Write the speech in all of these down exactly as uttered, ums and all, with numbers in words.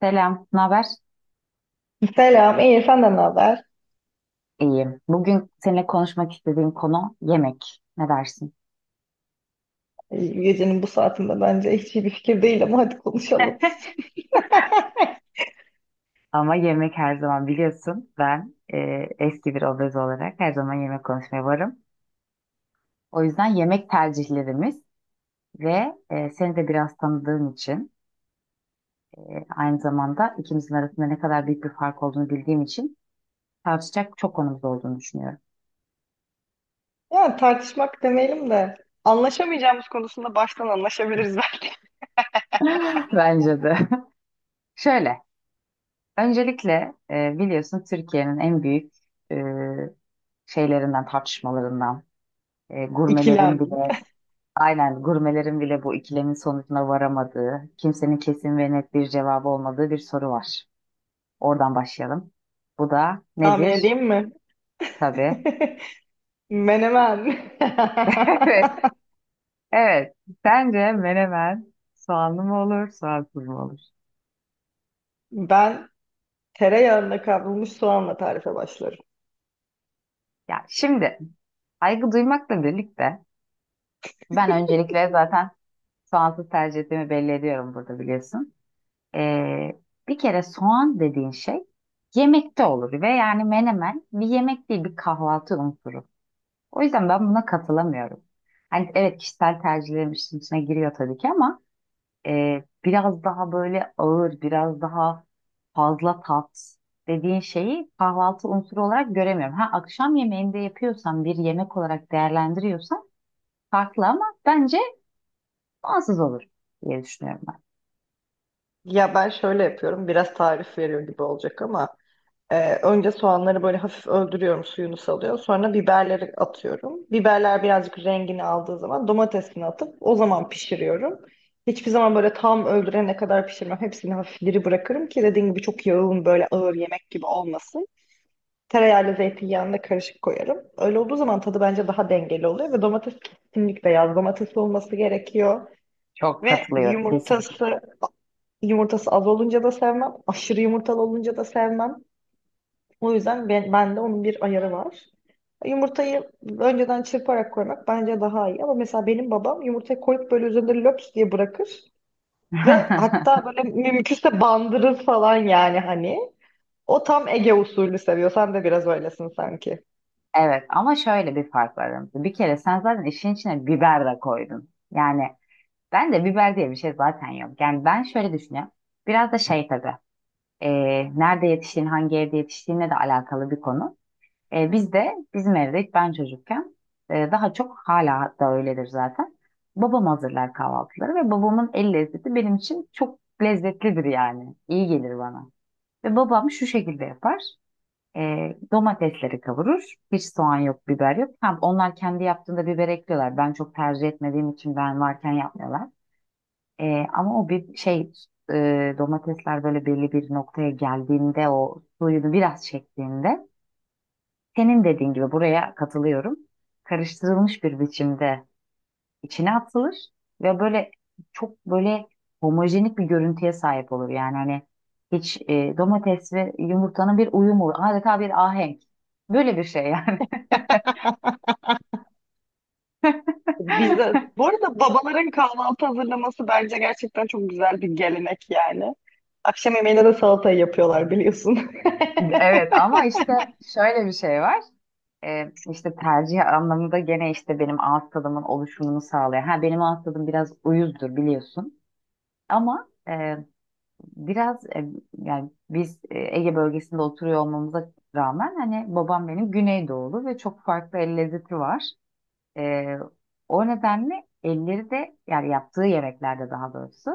Selam, ne haber? Selam, iyi senden ne haber? İyiyim. Bugün seninle konuşmak istediğim konu yemek. Ne dersin? Gecenin bu saatinde bence hiç iyi bir fikir değil ama hadi konuşalım. Ama yemek her zaman biliyorsun. Ben e, eski bir obez olarak her zaman yemek konuşmaya varım. O yüzden yemek tercihlerimiz ve e, seni de biraz tanıdığım için e, aynı zamanda ikimizin arasında ne kadar büyük bir fark olduğunu bildiğim için tartışacak çok konumuz olduğunu düşünüyorum. Yani tartışmak demeyelim de anlaşamayacağımız konusunda baştan anlaşabiliriz belki. Bence de. Şöyle, öncelikle e, biliyorsun Türkiye'nin en büyük e, şeylerinden, tartışmalarından. E, gurmelerin İkilem. bile aynen gurmelerin bile bu ikilemin sonucuna varamadığı, kimsenin kesin ve net bir cevabı olmadığı bir soru var. Oradan başlayalım. Bu da Tahmin nedir? edeyim mi? Tabii. Menemen. Evet. Evet. Sence menemen soğanlı mı olur, soğansız mı olur? Ben tereyağında kavrulmuş soğanla tarife başlarım. Ya şimdi, saygı duymakla birlikte, ben öncelikle zaten soğansız tercih ettiğimi belli ediyorum burada biliyorsun. Ee, Bir kere soğan dediğin şey yemekte olur ve yani menemen bir yemek değil, bir kahvaltı unsuru. O yüzden ben buna katılamıyorum. Hani evet, kişisel tercihlerim işin içine giriyor tabii ki, ama e, biraz daha böyle ağır, biraz daha fazla tat dediğin şeyi kahvaltı unsuru olarak göremiyorum. Ha, akşam yemeğinde yapıyorsan, bir yemek olarak değerlendiriyorsan farklı, ama bence bağımsız olur diye düşünüyorum ben. Ya ben şöyle yapıyorum, biraz tarif veriyor gibi olacak ama Ee, önce soğanları böyle hafif öldürüyorum, suyunu salıyor. Sonra biberleri atıyorum. Biberler birazcık rengini aldığı zaman domatesini atıp o zaman pişiriyorum. Hiçbir zaman böyle tam öldürene kadar pişirmem. Hepsini hafif diri bırakırım ki dediğim gibi çok yağın böyle ağır yemek gibi olmasın. Tereyağıyla zeytinyağını da karışık koyarım. Öyle olduğu zaman tadı bence daha dengeli oluyor ve domates kesinlikle yaz domatesi olması gerekiyor. Çok Ve katılıyorum kesinlikle. yumurtası yumurtası az olunca da sevmem, aşırı yumurtalı olunca da sevmem. O yüzden ben, bende onun bir ayarı var. Yumurtayı önceden çırparak koymak bence daha iyi. Ama mesela benim babam yumurtayı koyup böyle üzerinde löps diye bırakır. Ve hatta böyle mümkünse bandırır falan yani hani. O tam Ege usulü seviyor. Sen de biraz öylesin sanki. Evet ama şöyle bir fark var aramızda. Bir kere sen zaten işin içine biber de koydun. Yani ben de biber diye bir şey zaten yok. Yani ben şöyle düşünüyorum. Biraz da şey tabii. e, Nerede yetiştiğin, hangi evde yetiştiğinle de alakalı bir konu. E, biz de bizim evde ilk ben çocukken, e, daha çok hala da öyledir zaten. Babam hazırlar kahvaltıları ve babamın el lezzeti benim için çok lezzetlidir yani. İyi gelir bana. Ve babam şu şekilde yapar. E, Domatesleri kavurur. Hiç soğan yok, biber yok. Ha, onlar kendi yaptığında biber ekliyorlar. Ben çok tercih etmediğim için ben varken yapmıyorlar. E, ama o bir şey, e, domatesler böyle belli bir noktaya geldiğinde, o suyunu biraz çektiğinde, senin dediğin gibi buraya katılıyorum. Karıştırılmış bir biçimde içine atılır ve böyle çok böyle homojenik bir görüntüye sahip olur. Yani hani hiç e, domates ve yumurtanın bir uyumu, adeta bir ahenk. Böyle bir şey yani. Bizde, bu arada babaların kahvaltı hazırlaması bence gerçekten çok güzel bir gelenek yani. Akşam yemeğine de salatayı yapıyorlar biliyorsun. Evet ama işte şöyle bir şey var. Ee, işte tercih anlamında gene işte benim ağız tadımın oluşumunu sağlıyor. Ha, benim ağız tadım biraz uyuzdur biliyorsun. Ama e, biraz e, yani biz e, Ege bölgesinde oturuyor olmamıza rağmen hani babam benim Güneydoğulu ve çok farklı el lezzeti var. E, O nedenle elleri de, yani yaptığı yemeklerde daha doğrusu,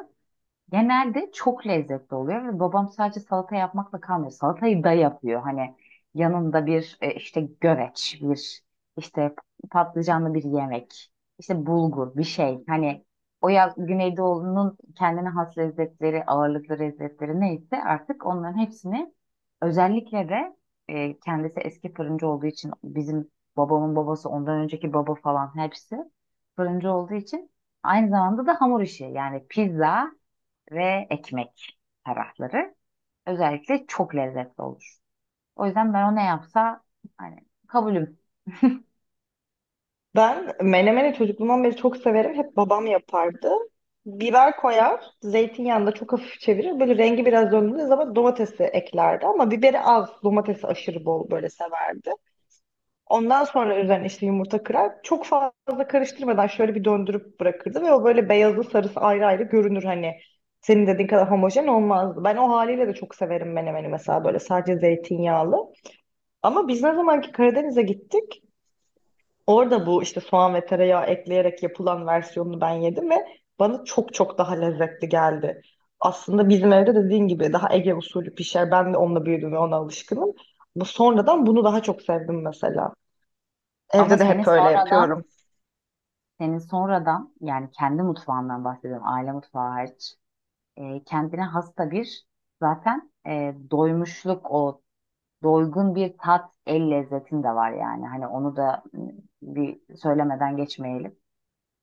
genelde çok lezzetli oluyor ve babam sadece salata yapmakla kalmıyor. Salatayı da yapıyor. Hani yanında bir e, işte göreç, bir işte patlıcanlı bir yemek, işte bulgur bir şey. Hani o, ya Güneydoğu'nun kendine has lezzetleri, ağırlıklı lezzetleri neyse artık, onların hepsini, özellikle de e, kendisi eski fırıncı olduğu için, bizim babamın babası, ondan önceki baba falan hepsi fırıncı olduğu için, aynı zamanda da hamur işi yani pizza ve ekmek tarafları özellikle çok lezzetli olur. O yüzden ben, o ne yapsa hani kabulüm. Ben menemeni çocukluğumdan beri çok severim. Hep babam yapardı. Biber koyar, zeytinyağında çok hafif çevirir. Böyle rengi biraz döndüğü zaman domatesi eklerdi ama biberi az, domatesi aşırı bol böyle severdi. Ondan sonra üzerine işte yumurta kırar. Çok fazla karıştırmadan şöyle bir döndürüp bırakırdı ve o böyle beyazı sarısı ayrı ayrı görünür hani. Senin dediğin kadar homojen olmazdı. Ben o haliyle de çok severim menemeni mesela böyle sadece zeytinyağlı. Ama biz ne zamanki Karadeniz'e gittik, orada bu işte soğan ve tereyağı ekleyerek yapılan versiyonunu ben yedim ve bana çok çok daha lezzetli geldi. Aslında bizim evde dediğin gibi daha Ege usulü pişer. Ben de onunla büyüdüm ve ona alışkınım. Bu sonradan bunu daha çok sevdim mesela. Ama Evde de senin hep öyle sonradan, yapıyorum. senin sonradan yani kendi mutfağından bahsediyorum, aile mutfağı hariç, e, kendine hasta bir, zaten e, doymuşluk, o doygun bir tat el lezzetin de var yani. Hani onu da m, bir söylemeden geçmeyelim.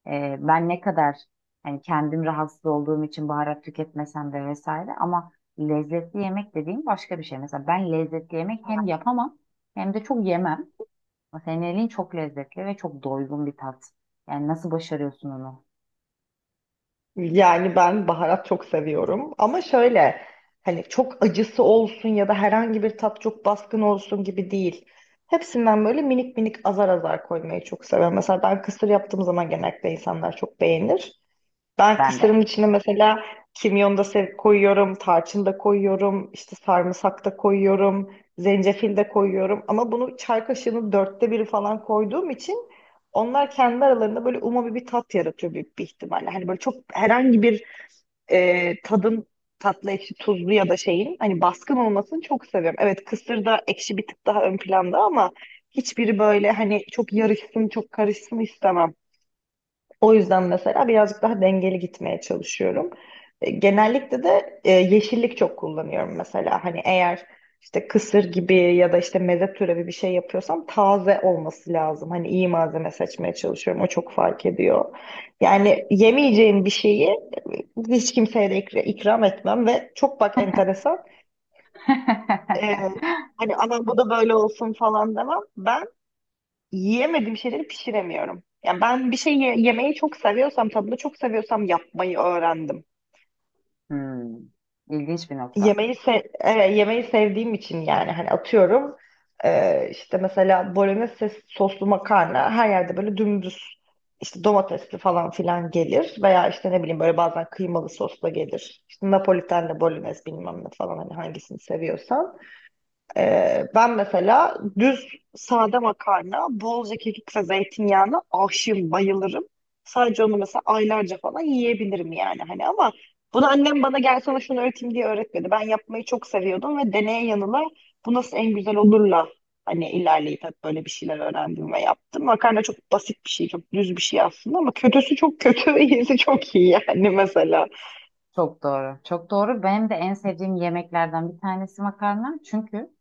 Ee, ben ne kadar hani kendim rahatsız olduğum için baharat tüketmesem de vesaire, ama lezzetli yemek dediğim başka bir şey. Mesela ben lezzetli yemek hem yapamam hem de çok yemem. Ama senin elin çok lezzetli ve çok doygun bir tat. Yani nasıl başarıyorsun onu? Yani ben baharat çok seviyorum. Ama şöyle hani çok acısı olsun ya da herhangi bir tat çok baskın olsun gibi değil. Hepsinden böyle minik minik azar azar koymayı çok seviyorum. Mesela ben kısır yaptığım zaman genellikle insanlar çok beğenir. Ben Ben de. kısırın içine mesela kimyon da sev koyuyorum, tarçın da koyuyorum, işte sarımsak da koyuyorum, zencefil de koyuyorum. Ama bunu çay kaşığının dörtte biri falan koyduğum için onlar kendi aralarında böyle umami bir tat yaratıyor büyük bir ihtimalle. Hani böyle çok herhangi bir e, tadın tatlı, ekşi, tuzlu ya da şeyin hani baskın olmasını çok seviyorum. Evet kısır da ekşi bir tık daha ön planda ama hiçbiri böyle hani çok yarışsın, çok karışsın istemem. O yüzden mesela birazcık daha dengeli gitmeye çalışıyorum. E, Genellikle de e, yeşillik çok kullanıyorum mesela. Hani eğer işte kısır gibi ya da işte meze türevi bir şey yapıyorsam taze olması lazım. Hani iyi malzeme seçmeye çalışıyorum. O çok fark ediyor. Yani yemeyeceğim bir şeyi e, hiç kimseye de ikra- ikram etmem ve çok bak enteresan. e, Hani aman bu da böyle olsun falan demem. Ben yiyemediğim şeyleri pişiremiyorum. Yani ben bir şey ye- yemeyi çok seviyorsam, tadını çok seviyorsam yapmayı öğrendim. Hmm, ilginç bir nokta. Yemeği se Evet, yemeği sevdiğim için yani hani atıyorum e, işte mesela bolognese soslu makarna her yerde böyle dümdüz işte domatesli falan filan gelir veya işte ne bileyim böyle bazen kıymalı sosla gelir. İşte Napolitan'la bolognese bilmem ne falan hani hangisini seviyorsan. Ee, ben mesela düz sade makarna, bolca kekik ve zeytinyağına aşığım, bayılırım. Sadece onu mesela aylarca falan yiyebilirim yani hani ama bunu annem bana gel sana şunu öğreteyim diye öğretmedi. Ben yapmayı çok seviyordum ve deneye yanıla bu nasıl en güzel olurla hani ilerleyip hep böyle bir şeyler öğrendim ve yaptım. Makarna çok basit bir şey, çok düz bir şey aslında ama kötüsü çok kötü, iyisi çok iyi yani mesela. Çok doğru. Çok doğru. Benim de en sevdiğim yemeklerden bir tanesi makarna. Çünkü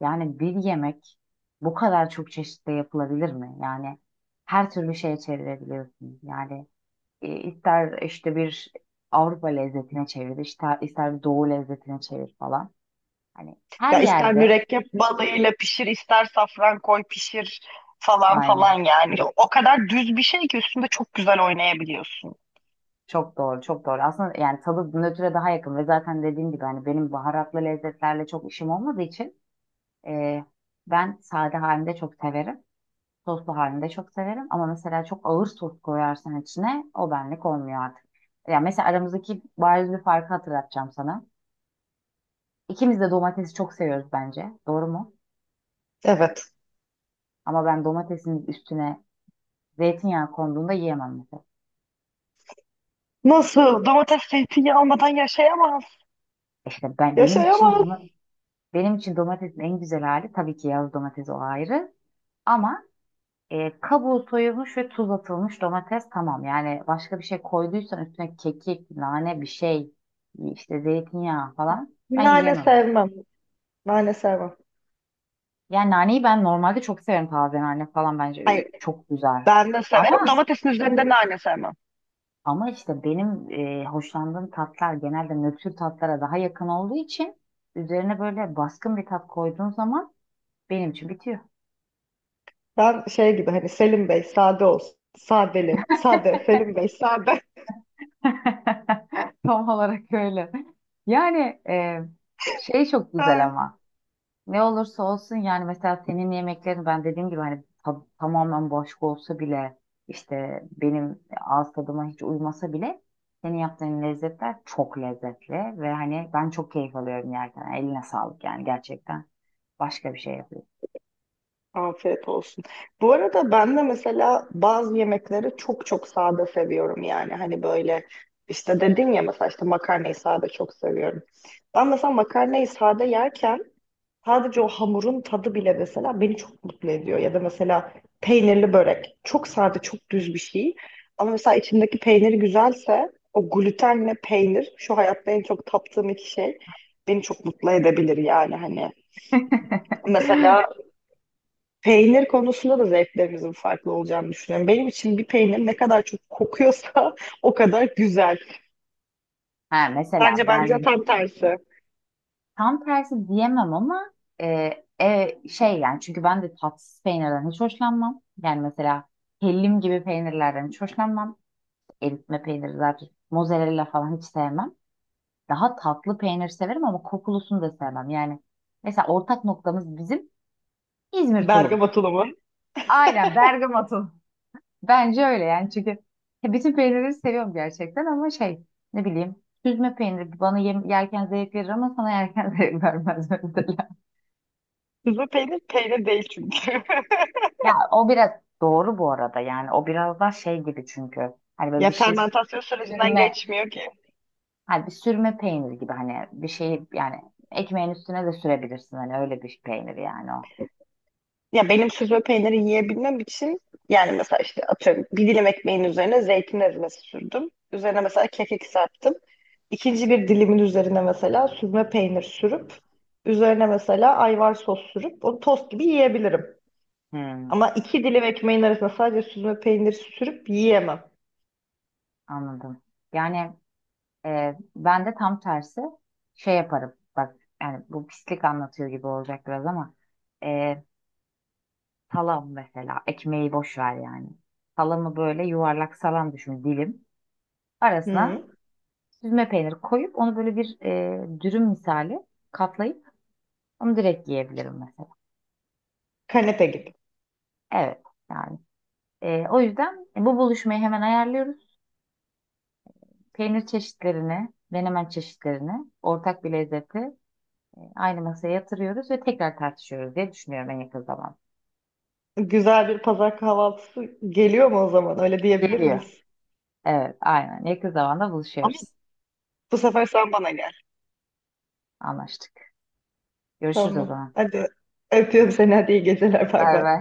yani bir yemek bu kadar çok çeşitle yapılabilir mi? Yani her türlü şeye çevirebiliyorsun. Yani e, ister işte bir Avrupa lezzetine çevir, ister, ister bir Doğu lezzetine çevir falan. Hani her Ya ister yerde mürekkep balığıyla pişir, ister safran koy pişir falan aynı. falan yani. O kadar düz bir şey ki üstünde çok güzel oynayabiliyorsun. Çok doğru, çok doğru. Aslında yani tadı nötre daha yakın ve zaten dediğim gibi hani benim baharatlı lezzetlerle çok işim olmadığı için e, ben sade halinde çok severim. Soslu halinde çok severim ama mesela çok ağır sos koyarsan içine, o benlik olmuyor artık. Ya mesela aramızdaki bariz bir farkı hatırlatacağım sana. İkimiz de domatesi çok seviyoruz bence. Doğru mu? Evet. Ama ben domatesin üstüne zeytinyağı konduğunda yiyemem mesela. Nasıl? Domates zeytinyağı almadan yaşayamaz. E İşte ben, benim için Yaşayamaz. bunu- benim için domatesin en güzel hali tabii ki yağlı domates, o ayrı. Ama e, kabuğu soyulmuş ve tuz atılmış domates tamam. Yani başka bir şey koyduysan üstüne, kekik, nane bir şey, işte zeytinyağı falan, ben Nane yiyemem. sevmem. Nane sevmem. Yani naneyi ben normalde çok severim, taze nane falan bence e, Hayır, çok güzel. ben de severim. Ama, Domatesin üzerinde nane sevmem. ama işte benim e, hoşlandığım tatlar genelde nötr tatlara daha yakın olduğu için, üzerine böyle baskın bir tat koyduğun zaman benim için bitiyor. Ben şey gibi hani Selim Bey sade olsun. Sadeli. Sade. Selim Bey sade. Tam olarak öyle. Yani e, şey çok güzel ama. Ne olursa olsun yani, mesela senin yemeklerin ben dediğim gibi hani ta- tamamen başka olsa bile, işte benim ağız tadıma hiç uymasa bile, senin yaptığın lezzetler çok lezzetli ve hani ben çok keyif alıyorum yerken. Eline sağlık yani, gerçekten başka bir şey yapıyor. Afiyet olsun. Bu arada ben de mesela bazı yemekleri çok çok sade seviyorum yani. Hani böyle işte dedin ya mesela işte makarnayı sade çok seviyorum. Ben mesela makarnayı sade yerken sadece o hamurun tadı bile mesela beni çok mutlu ediyor. Ya da mesela peynirli börek çok sade çok düz bir şey. Ama mesela içindeki peyniri güzelse o glutenle peynir şu hayatta en çok taptığım iki şey beni çok mutlu edebilir yani hani. Mesela peynir konusunda da zevklerimizin farklı olacağını düşünüyorum. Benim için bir peynir ne kadar çok kokuyorsa o kadar güzel. Ha, mesela Bence bence ben tam tersi. tam tersi diyemem ama, e, e, şey yani, çünkü ben de tatsız peynirden hiç hoşlanmam. Yani mesela hellim gibi peynirlerden hiç hoşlanmam. Eritme peyniri zaten, mozzarella falan hiç sevmem. Daha tatlı peynir severim ama kokulusunu da sevmem. Yani mesela ortak noktamız bizim İzmir tulum. Bergama tulumu. Aynen Bergama tulum. Bence öyle, yani çünkü e, bütün peynirleri seviyorum gerçekten ama şey, ne bileyim, süzme peyniri bana yem- yerken zevk verir ama sana yerken zevk vermez mesela. Süzme peynir peynir değil çünkü. Ya o biraz doğru bu arada, yani o biraz daha şey gibi çünkü hani böyle Ya bir şey, fermentasyon sürecinden süzme, geçmiyor ki. ha bir sürme peynir gibi hani, bir şeyi yani, ekmeğin üstüne de sürebilirsin hani, öyle bir peynir yani o. Ya benim süzme peyniri yiyebilmem için yani mesela işte atıyorum bir dilim ekmeğin üzerine zeytin ezmesi sürdüm. Üzerine mesela kekik serptim. İkinci bir dilimin üzerine mesela süzme peynir sürüp üzerine mesela ayvar sos sürüp onu tost gibi yiyebilirim. Hmm, Ama iki dilim ekmeğin arasına sadece süzme peyniri sürüp yiyemem. anladım. Yani e, ben de tam tersi şey yaparım. Bak, yani bu pislik anlatıyor gibi olacak biraz ama, e, salam mesela, ekmeği boş ver yani. Salamı böyle yuvarlak salam düşün dilim. Arasına Hı. süzme peynir koyup, onu böyle bir e, dürüm misali katlayıp onu direkt yiyebilirim mesela. Kanepe gibi. Evet. Yani Ee, o yüzden e, bu buluşmayı hemen ayarlıyoruz. Peynir çeşitlerini, menemen çeşitlerini, ortak bir lezzeti e, aynı masaya yatırıyoruz ve tekrar tartışıyoruz diye düşünüyorum en yakın zamanda. Güzel bir pazar kahvaltısı geliyor mu o zaman? Öyle diyebilir Geliyor. miyiz? Evet, aynen. Yakın zamanda Ama buluşuyoruz. bu sefer sen bana gel. Anlaştık. Görüşürüz o Tamam. zaman. Hadi öpüyorum seni. Hadi iyi geceler. Bay Bay bay. bay.